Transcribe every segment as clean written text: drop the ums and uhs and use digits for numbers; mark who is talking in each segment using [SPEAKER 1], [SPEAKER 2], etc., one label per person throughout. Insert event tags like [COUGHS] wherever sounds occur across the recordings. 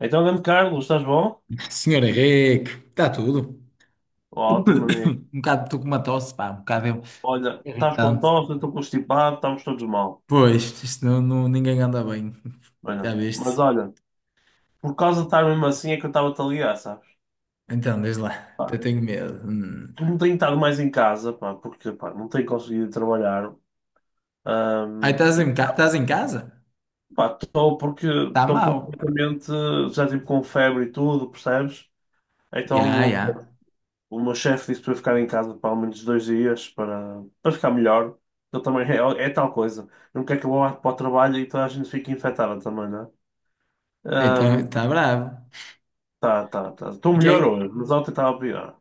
[SPEAKER 1] Então, grande Carlos, estás bom?
[SPEAKER 2] Senhor Henrique, está tudo.
[SPEAKER 1] Ótimo,
[SPEAKER 2] [COUGHS]
[SPEAKER 1] amigo.
[SPEAKER 2] Um bocado estou com uma tosse, pá, um bocado
[SPEAKER 1] Olha, estás com
[SPEAKER 2] irritante.
[SPEAKER 1] tosse, eu estou constipado, estamos todos mal.
[SPEAKER 2] Pois, isto não, ninguém anda bem.
[SPEAKER 1] Mas
[SPEAKER 2] Já
[SPEAKER 1] não. Mas
[SPEAKER 2] viste?
[SPEAKER 1] olha, por causa de estar mesmo assim é que eu estava-te a ligar, sabes?
[SPEAKER 2] Então, desde lá, até tenho medo. Hum.
[SPEAKER 1] Eu não tenho estado mais em casa, pá, porque pá, não tenho conseguido trabalhar.
[SPEAKER 2] Aí
[SPEAKER 1] Ahm,
[SPEAKER 2] estás em casa?
[SPEAKER 1] pá, estou porque
[SPEAKER 2] Está
[SPEAKER 1] estou
[SPEAKER 2] mal.
[SPEAKER 1] completamente, já tipo com febre e tudo, percebes?
[SPEAKER 2] Já,
[SPEAKER 1] Então
[SPEAKER 2] já.
[SPEAKER 1] o meu chefe disse para eu ficar em casa para ao menos 2 dias para ficar melhor. Eu também é, é tal coisa. Não quer que eu vá para o trabalho e toda a gente fique infectada também, né?
[SPEAKER 2] Então,
[SPEAKER 1] Ahm,
[SPEAKER 2] está bravo.
[SPEAKER 1] tá. Estou
[SPEAKER 2] Ok?
[SPEAKER 1] melhor hoje, mas ontem estava pior.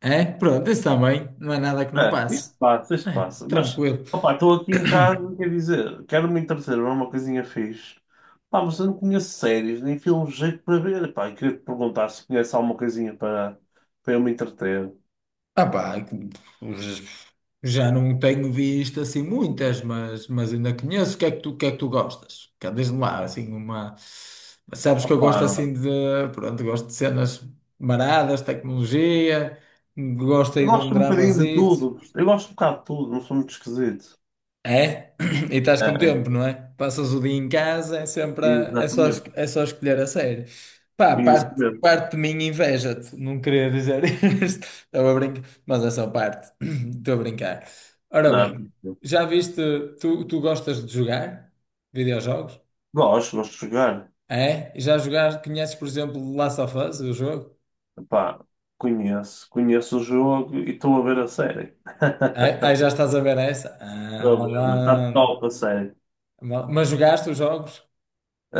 [SPEAKER 2] É? É? Pronto, isso também. Não é nada que não
[SPEAKER 1] É, isto
[SPEAKER 2] passe.
[SPEAKER 1] passa, isto
[SPEAKER 2] É,
[SPEAKER 1] passa. Mas,
[SPEAKER 2] tranquilo.
[SPEAKER 1] opá, estou aqui em casa, quer dizer, quero me entreter, não é uma coisinha fixe. Pá, mas eu não conheço séries, nem filmes de jeito para ver. Pá, e queria te perguntar se conhece alguma coisinha para eu me entreter.
[SPEAKER 2] Ah, pá, já não tenho visto assim muitas, mas ainda conheço. O que é que tu gostas? Diz-me lá, assim, uma. Sabes que eu
[SPEAKER 1] Opá,
[SPEAKER 2] gosto assim de. Pronto, gosto de cenas maradas, tecnologia, gosto
[SPEAKER 1] eu
[SPEAKER 2] aí de um
[SPEAKER 1] gosto um bocadinho de
[SPEAKER 2] dramazito.
[SPEAKER 1] tudo. Eu gosto um bocado de tudo, não sou muito esquisito.
[SPEAKER 2] É? [CLEARS THROAT] E estás com tempo,
[SPEAKER 1] É,
[SPEAKER 2] não é? Passas o dia em casa, é sempre é só,
[SPEAKER 1] exatamente.
[SPEAKER 2] é só escolher a série. Pá,
[SPEAKER 1] Isso
[SPEAKER 2] parte,
[SPEAKER 1] mesmo.
[SPEAKER 2] parte de mim inveja-te. Não queria dizer [LAUGHS] isto. Estava a brincar, mas é só parte. [CLEARS THROAT] Estou a brincar. Ora
[SPEAKER 1] Não,
[SPEAKER 2] bem, já viste, tu gostas de jogar videojogos?
[SPEAKER 1] gosto de jogar.
[SPEAKER 2] É? Já jogaste, conheces, por exemplo, Last of Us, o jogo?
[SPEAKER 1] Pá, conheço o jogo e estou a ver a série.
[SPEAKER 2] É? Aí já estás a ver essa? Ah,
[SPEAKER 1] Estou a ver, está
[SPEAKER 2] malandro.
[SPEAKER 1] top a série.
[SPEAKER 2] Mas jogaste os jogos?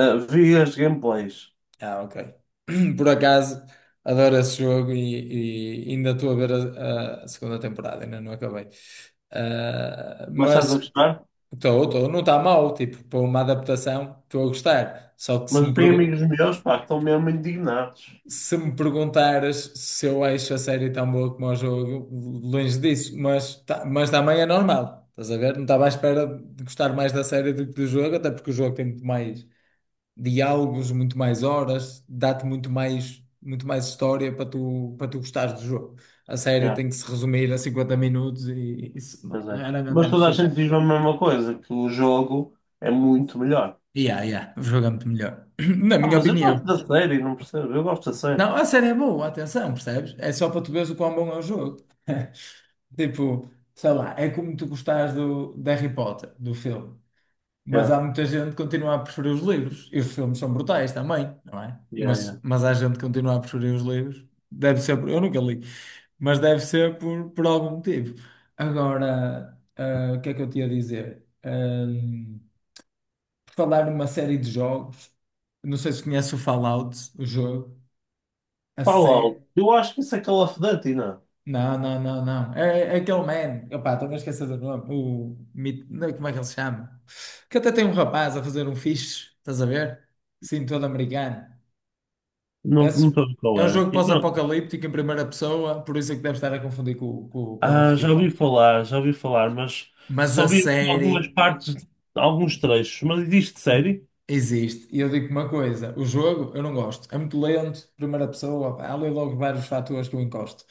[SPEAKER 1] Ah, vi as gameplays,
[SPEAKER 2] Ah, ok. [CLEARS THROAT] Por acaso, adoro esse jogo e ainda estou a ver a segunda temporada, ainda não acabei. Ah,
[SPEAKER 1] mas estás
[SPEAKER 2] mas
[SPEAKER 1] a gostar?
[SPEAKER 2] estou, não está mal, tipo, para uma adaptação, estou a gostar. Só que
[SPEAKER 1] Mas eu tenho amigos meus, pá, que estão mesmo indignados.
[SPEAKER 2] se me perguntares se eu acho a série tão boa como o jogo, longe disso, mas, tá, mas também é normal. Estás a ver? Não estava à espera de gostar mais da série do que do jogo, até porque o jogo tem muito mais diálogos, muito mais horas, dá-te muito mais história para tu gostares do jogo. A série
[SPEAKER 1] Já,
[SPEAKER 2] tem que se resumir a 50 minutos e isso
[SPEAKER 1] pois é.
[SPEAKER 2] raramente é
[SPEAKER 1] Mas toda a
[SPEAKER 2] possível.
[SPEAKER 1] gente diz a mesma coisa, que o jogo é muito melhor.
[SPEAKER 2] Yeah, yeah, o jogo é muito melhor, [CLEARS THROAT] na
[SPEAKER 1] Ah,
[SPEAKER 2] minha
[SPEAKER 1] mas eu gosto
[SPEAKER 2] opinião.
[SPEAKER 1] da série, não percebo? Eu gosto da série.
[SPEAKER 2] Não, a série é boa, atenção, percebes? É só para tu veres o quão bom é o jogo. [LAUGHS] Tipo, sei lá, é como tu gostares do, de Harry Potter, do filme. Mas
[SPEAKER 1] Já,
[SPEAKER 2] há muita gente que continua a preferir os livros. E os filmes são brutais também, não é?
[SPEAKER 1] já,
[SPEAKER 2] Mas,
[SPEAKER 1] já.
[SPEAKER 2] mas há gente que continua a preferir os livros. Deve ser por. Eu nunca li. Mas deve ser por algum motivo. Agora, o que é que eu te ia dizer? Por falar numa série de jogos. Não sei se conhece o Fallout, o jogo.
[SPEAKER 1] Fala eu acho que isso é Call of Duty, não? É?
[SPEAKER 2] Não, não, não, não. É aquele man. Opá, estou a esquecer do nome. Não, é, como é que ele se chama? Que até tem um rapaz a fazer um fixe, estás a ver? Sim, todo americano.
[SPEAKER 1] Não, não
[SPEAKER 2] Esse-
[SPEAKER 1] estou a ver
[SPEAKER 2] é
[SPEAKER 1] qual
[SPEAKER 2] um
[SPEAKER 1] é.
[SPEAKER 2] jogo
[SPEAKER 1] Então,
[SPEAKER 2] pós-apocalíptico em primeira pessoa, por isso é que deve estar a confundir com o Call of
[SPEAKER 1] ah,
[SPEAKER 2] Duty.
[SPEAKER 1] já ouvi falar, mas
[SPEAKER 2] Mas
[SPEAKER 1] só
[SPEAKER 2] a
[SPEAKER 1] vi aqui algumas
[SPEAKER 2] série
[SPEAKER 1] partes, alguns trechos. Mas existe série?
[SPEAKER 2] existe. E eu digo uma coisa: o jogo eu não gosto. É muito lento, primeira pessoa. Pá, há ali logo vários fatores que eu encosto.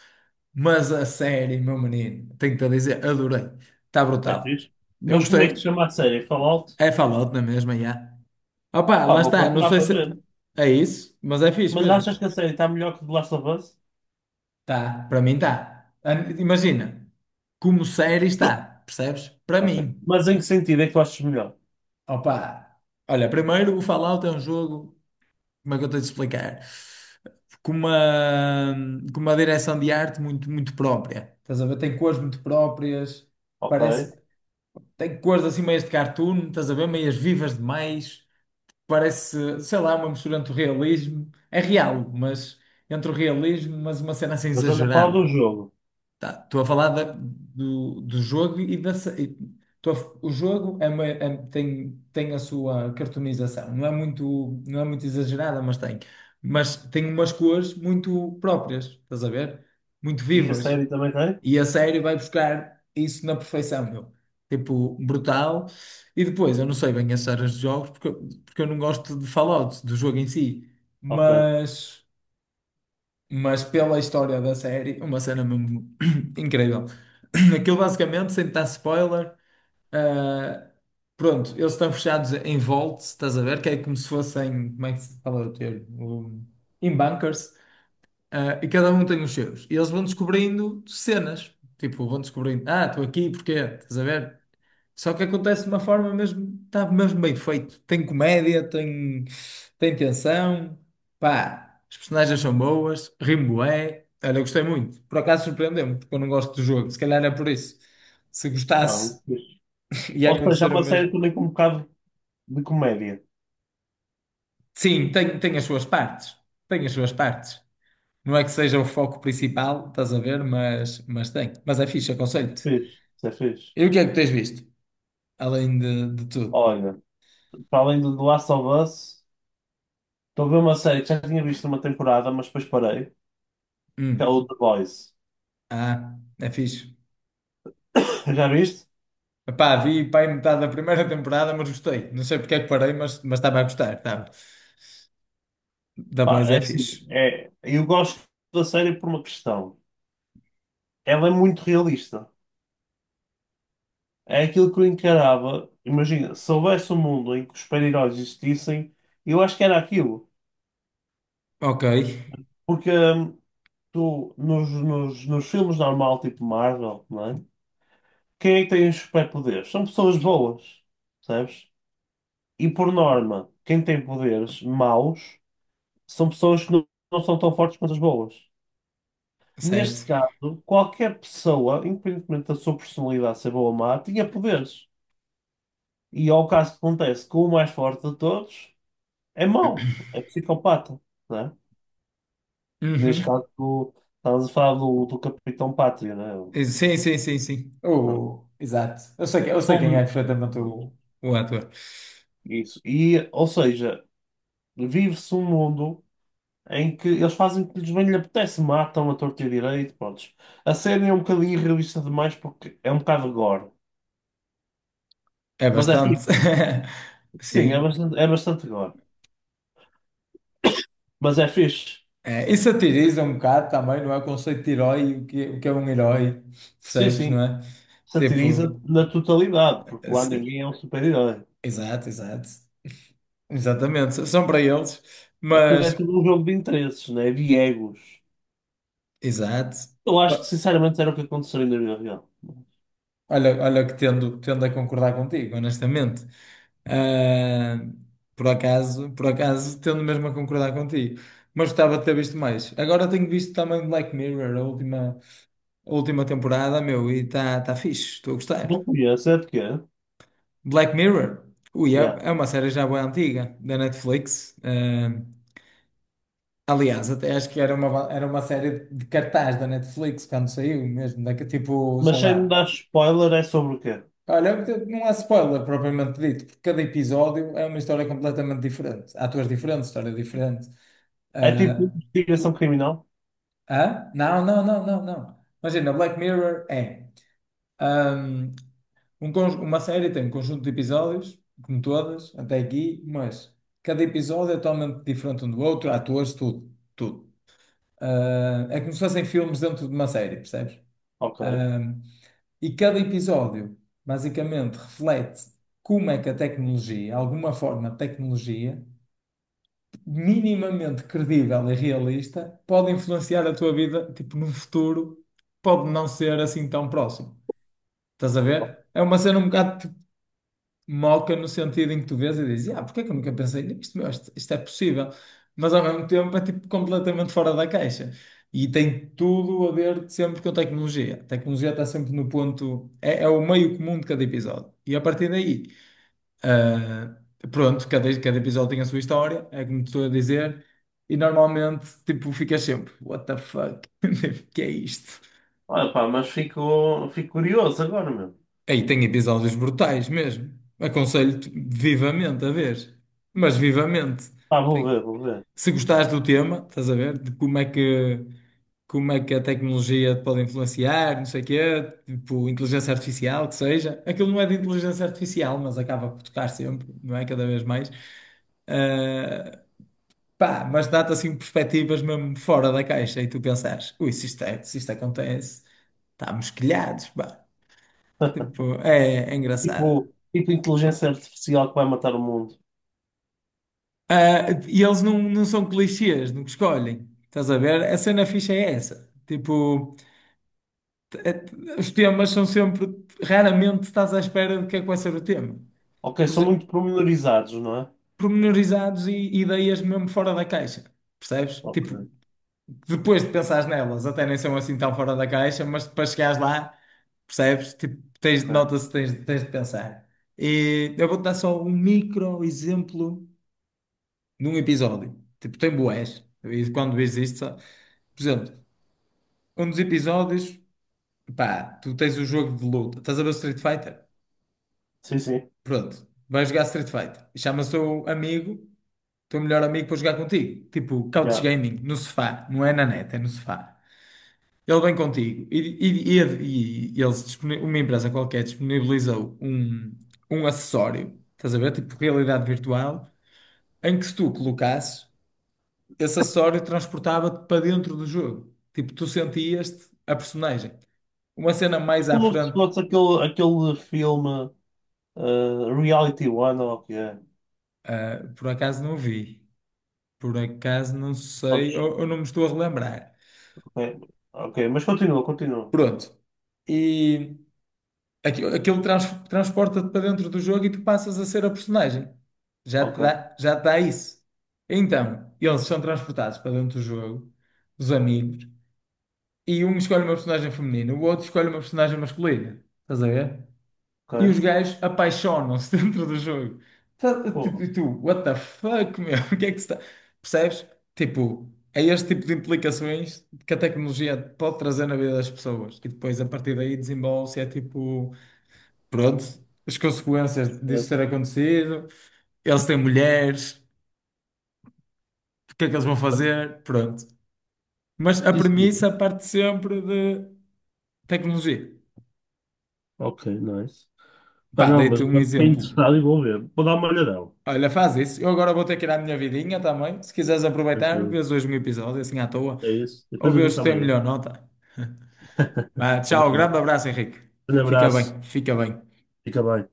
[SPEAKER 2] Mas a série, meu menino, tenho-te a dizer, adorei. Está
[SPEAKER 1] É
[SPEAKER 2] brutal.
[SPEAKER 1] fixe.
[SPEAKER 2] Eu
[SPEAKER 1] Mas como é que se
[SPEAKER 2] gostei.
[SPEAKER 1] chama a série? Fallout?
[SPEAKER 2] É Fallout na mesma, já. Opa,
[SPEAKER 1] Pá,
[SPEAKER 2] lá
[SPEAKER 1] vou
[SPEAKER 2] está, não
[SPEAKER 1] procurar
[SPEAKER 2] sei
[SPEAKER 1] para
[SPEAKER 2] se
[SPEAKER 1] ver.
[SPEAKER 2] é isso, mas é fixe
[SPEAKER 1] Mas
[SPEAKER 2] mesmo.
[SPEAKER 1] achas que a série está melhor que The Last of Us?
[SPEAKER 2] Tá, para mim tá. Imagina, como série está, percebes? Para
[SPEAKER 1] Ok.
[SPEAKER 2] mim.
[SPEAKER 1] Mas em que sentido é que tu achas melhor?
[SPEAKER 2] Opa, olha, primeiro o Fallout é um jogo, como é que eu tenho de explicar? Com uma, com uma direção de arte muito, muito própria. Estás a ver? Tem cores muito próprias,
[SPEAKER 1] Ok.
[SPEAKER 2] parece. Tem cores assim meias de cartoon, estás a ver? Meias vivas demais. Parece, sei lá, uma mistura entre o realismo, é real, mas entre o realismo, mas uma cena assim
[SPEAKER 1] Mas estás a falar do
[SPEAKER 2] exagerada.
[SPEAKER 1] jogo.
[SPEAKER 2] Tá, estou a falar do jogo e o jogo é tem a sua cartonização, não é muito, não é muito exagerada, mas tem. Mas tem umas cores muito próprias, estás a ver? Muito
[SPEAKER 1] E a
[SPEAKER 2] vivas.
[SPEAKER 1] série também tem?
[SPEAKER 2] E a série vai buscar isso na perfeição, meu. Tipo, brutal. E depois, eu não sei bem as séries de jogos porque, porque eu não gosto de Fallout, do jogo em si.
[SPEAKER 1] Ok.
[SPEAKER 2] Mas, mas pela história da série, uma cena mesmo [CLEARS THROAT] incrível. [CLEARS THROAT] Aquilo basicamente, sem dar spoiler, ah, pronto, eles estão fechados em vaults, estás a ver? Que é como se fossem, como é que se fala o termo? Em bunkers. Ah, e cada um tem os seus. E eles vão descobrindo cenas. Tipo, vão descobrindo, ah, estou aqui, porquê? Estás a ver? Só que acontece de uma forma mesmo, está mesmo bem feito. Tem comédia, tem tensão, pá, as personagens são boas, rimo é olha, eu gostei muito. Por acaso surpreendeu-me, porque eu não gosto do jogo. Se calhar é por isso. Se
[SPEAKER 1] Ah,
[SPEAKER 2] gostasse, [LAUGHS] ia
[SPEAKER 1] ou seja, é
[SPEAKER 2] acontecer o
[SPEAKER 1] uma série
[SPEAKER 2] mesmo.
[SPEAKER 1] também com um bocado de comédia.
[SPEAKER 2] Sim, tem as suas partes. Tem as suas partes. Não é que seja o foco principal, estás a ver? Mas tem. Mas é fixe, aconselho-te.
[SPEAKER 1] Fiz, isso é fixe.
[SPEAKER 2] E o que é que tens visto? Além de tudo.
[SPEAKER 1] Olha, para além do The Last of Us, estou a ver uma série que já tinha visto uma temporada, mas depois parei, que é
[SPEAKER 2] Hum.
[SPEAKER 1] o The Boys.
[SPEAKER 2] Ah, é fixe.
[SPEAKER 1] [LAUGHS] Já viste?
[SPEAKER 2] Epá, vi pá, em metade da primeira temporada, mas gostei. Não sei porque é que parei, mas estava a gostar. Estava. Da
[SPEAKER 1] Pá,
[SPEAKER 2] Boys
[SPEAKER 1] é
[SPEAKER 2] é
[SPEAKER 1] assim,
[SPEAKER 2] fixe.
[SPEAKER 1] é, eu gosto da série por uma questão. Ela é muito realista. É aquilo que eu encarava. Imagina, se houvesse um mundo em que os super-heróis existissem, eu acho que era aquilo.
[SPEAKER 2] Ok,
[SPEAKER 1] Porque tu, nos filmes normal, tipo Marvel, não é? Quem é que tem os superpoderes? São pessoas boas, percebes? E por norma, quem tem poderes maus são pessoas que não, não são tão fortes quanto as boas.
[SPEAKER 2] certo.
[SPEAKER 1] Neste caso, qualquer pessoa, independentemente da sua personalidade ser boa ou má, tinha poderes. E ao caso que acontece que o mais forte de todos é mau, é psicopata, né? Neste
[SPEAKER 2] Uhum.
[SPEAKER 1] caso, tu estás a falar do Capitão Pátria, né?
[SPEAKER 2] Sim, sim, sim, sim.
[SPEAKER 1] Pronto.
[SPEAKER 2] Oh, exato. Eu sei quem
[SPEAKER 1] Todos-
[SPEAKER 2] é perfeitamente
[SPEAKER 1] pronto,
[SPEAKER 2] o, ator.
[SPEAKER 1] isso. E, ou seja, vive-se um mundo em que eles fazem o que lhes bem lhe apetece, matam a torta e a direito, pronto. A série é um bocadinho irrealista demais porque é um bocado gore,
[SPEAKER 2] É
[SPEAKER 1] mas é
[SPEAKER 2] bastante.
[SPEAKER 1] fixe.
[SPEAKER 2] [LAUGHS]
[SPEAKER 1] Sim,
[SPEAKER 2] Sim.
[SPEAKER 1] é bastante gore, mas é fixe.
[SPEAKER 2] É, e satiriza um bocado também, não é? O conceito de herói, o que é um herói,
[SPEAKER 1] Sim,
[SPEAKER 2] percebes, não
[SPEAKER 1] sim,
[SPEAKER 2] é?
[SPEAKER 1] satiriza
[SPEAKER 2] Tipo.
[SPEAKER 1] na totalidade, porque lá ninguém é um super-herói.
[SPEAKER 2] Exato, exato. Exatamente, são para eles,
[SPEAKER 1] Aquilo é
[SPEAKER 2] mas
[SPEAKER 1] tudo um jogo de interesses, né? De egos.
[SPEAKER 2] exato.
[SPEAKER 1] Eu acho que
[SPEAKER 2] Ba-
[SPEAKER 1] sinceramente era o que aconteceria na vida real.
[SPEAKER 2] Olha, olha que tendo a concordar contigo, honestamente. Ah, por acaso, tendo mesmo a concordar contigo. Mas gostava de ter visto mais. Agora tenho visto também Black Mirror, a última temporada, meu, e está tá tá fixe, estou a
[SPEAKER 1] Não
[SPEAKER 2] gostar.
[SPEAKER 1] conheço, é de quê?
[SPEAKER 2] Black Mirror, ui, é,
[SPEAKER 1] Yeah.
[SPEAKER 2] é uma série já bem antiga, da Netflix. Ah, aliás, até acho que era uma série de cartaz da Netflix quando saiu mesmo, daqui tipo, sei
[SPEAKER 1] Mas sem me
[SPEAKER 2] lá.
[SPEAKER 1] dar spoiler, é sobre o quê?
[SPEAKER 2] Olha, não há spoiler propriamente dito, porque cada episódio é uma história completamente diferente. Atores diferentes, história diferente.
[SPEAKER 1] É tipo
[SPEAKER 2] Ah,
[SPEAKER 1] investigação
[SPEAKER 2] tu.
[SPEAKER 1] criminal?
[SPEAKER 2] Hã? Não, não, não, não, não. Imagina, Black Mirror é ahm, uma série tem um conjunto de episódios, como todas, até aqui, mas cada episódio é totalmente diferente um do outro, atores, tudo, tudo. Ah, é como se fossem filmes dentro de uma série, percebes?
[SPEAKER 1] Ok.
[SPEAKER 2] Ah, e cada episódio basicamente reflete como é que a tecnologia, alguma forma de tecnologia, minimamente credível e realista, pode influenciar a tua vida, tipo, num futuro, pode não ser assim tão próximo. Estás a ver? É uma cena um bocado moca no sentido em que tu vês e dizes, ah, porque é que eu nunca pensei nisto? Meu, isto é possível. Mas ao mesmo tempo é tipo completamente fora da caixa. E tem tudo a ver sempre com tecnologia. A tecnologia está sempre no ponto. É o meio comum de cada episódio. E a partir daí, ah, pronto, cada episódio tem a sua história, é como te estou a dizer. E normalmente, tipo, ficas sempre, what the fuck? [LAUGHS] O que é isto?
[SPEAKER 1] Olha, pá, mas fico curioso agora, meu.
[SPEAKER 2] Aí tem episódios brutais mesmo. Aconselho-te vivamente a ver. Mas vivamente.
[SPEAKER 1] Pá, vou ver,
[SPEAKER 2] Tem.
[SPEAKER 1] vou ver.
[SPEAKER 2] Se gostares do tema, estás a ver? De como é que a tecnologia pode influenciar, não sei o quê, tipo inteligência artificial, que seja. Aquilo não é de inteligência artificial, mas acaba por tocar sempre, não é? Cada vez mais. Ah, pá, mas dá-te assim perspectivas mesmo fora da caixa e tu pensares, ui, se isto acontece, estamos quilhados, pá. Tipo, é engraçado.
[SPEAKER 1] Tipo, tipo inteligência artificial que vai matar o mundo.
[SPEAKER 2] Ah, e eles não são clichês no que escolhem. Estás a ver? A cena ficha é essa. Tipo, é- os temas são sempre. Raramente estás à espera de que é que vai ser o tema.
[SPEAKER 1] Ok,
[SPEAKER 2] Por
[SPEAKER 1] são
[SPEAKER 2] exemplo,
[SPEAKER 1] muito promenorizados, não é?
[SPEAKER 2] pormenorizados e ideias mesmo fora da caixa. Percebes?
[SPEAKER 1] Ok,
[SPEAKER 2] Tipo, depois de pensares nelas, até nem são assim tão fora da caixa, mas para chegares lá, percebes? Tipo, tens,
[SPEAKER 1] ok.
[SPEAKER 2] nota-se, tens de pensar. E eu vou-te dar só um micro exemplo num episódio. Tipo, tem bués. E quando existe, sabe? Por exemplo, um dos episódios, pá, tu tens o jogo de luta, estás a ver o Street Fighter?
[SPEAKER 1] Sim, sim.
[SPEAKER 2] Pronto, vais jogar Street Fighter. E chama o seu amigo, teu melhor amigo, para jogar contigo. Tipo, couch
[SPEAKER 1] Yeah.
[SPEAKER 2] gaming, no sofá, não é na net, é no sofá. Ele vem contigo e eles, uma empresa qualquer disponibilizou um acessório, estás a ver? Tipo, realidade virtual, em que se tu colocasses, esse acessório transportava-te para dentro do jogo. Tipo, tu sentias-te a personagem. Uma cena
[SPEAKER 1] É
[SPEAKER 2] mais à
[SPEAKER 1] como se
[SPEAKER 2] frente,
[SPEAKER 1] fosse aquele, aquele filme eh, Reality One, ou o que é.
[SPEAKER 2] por acaso não vi. Por acaso não sei,
[SPEAKER 1] Prontos,
[SPEAKER 2] ou não me estou a relembrar.
[SPEAKER 1] ok, ok, mas continua, continua.
[SPEAKER 2] Pronto. E aquilo transporta-te para dentro do jogo e tu passas a ser a personagem. Já
[SPEAKER 1] Ok,
[SPEAKER 2] te dá, já te dá isso. Então, eles são transportados para dentro do jogo, os amigos, e um escolhe uma personagem feminina, o outro escolhe uma personagem masculina. Estás a ver? E os
[SPEAKER 1] ok.
[SPEAKER 2] gajos apaixonam-se [LAUGHS] dentro do jogo. Tipo,
[SPEAKER 1] Pô,
[SPEAKER 2] e tu, what the fuck, meu? [LAUGHS] O que é que se está. Percebes? Tipo, é este tipo de implicações que a tecnologia pode trazer na vida das pessoas. E depois, a partir daí, desenvolve-se. É tipo, pronto, as consequências disso ter
[SPEAKER 1] é.
[SPEAKER 2] acontecido. Eles têm mulheres, o que é que eles vão fazer? Pronto. Mas a
[SPEAKER 1] Sim,
[SPEAKER 2] premissa
[SPEAKER 1] sim.
[SPEAKER 2] parte sempre de tecnologia.
[SPEAKER 1] Ok, nice. Pá,
[SPEAKER 2] Pá,
[SPEAKER 1] não, mas
[SPEAKER 2] dei-te um
[SPEAKER 1] agora fiquei
[SPEAKER 2] exemplo.
[SPEAKER 1] interessado e vou ver. Vou dar uma olhadela.
[SPEAKER 2] Olha, faz isso. Eu agora vou ter que ir à minha vidinha também. Se quiseres aproveitar,
[SPEAKER 1] Tranquilo.
[SPEAKER 2] vês hoje um episódio assim à toa.
[SPEAKER 1] É isso.
[SPEAKER 2] Ou
[SPEAKER 1] Depois eu
[SPEAKER 2] vês
[SPEAKER 1] digo
[SPEAKER 2] se tem
[SPEAKER 1] amanhã.
[SPEAKER 2] melhor nota.
[SPEAKER 1] [LAUGHS]
[SPEAKER 2] Vá, tchau, grande
[SPEAKER 1] Combinado.
[SPEAKER 2] abraço, Henrique.
[SPEAKER 1] Um
[SPEAKER 2] Fica
[SPEAKER 1] abraço.
[SPEAKER 2] bem, fica bem.
[SPEAKER 1] Fica bem.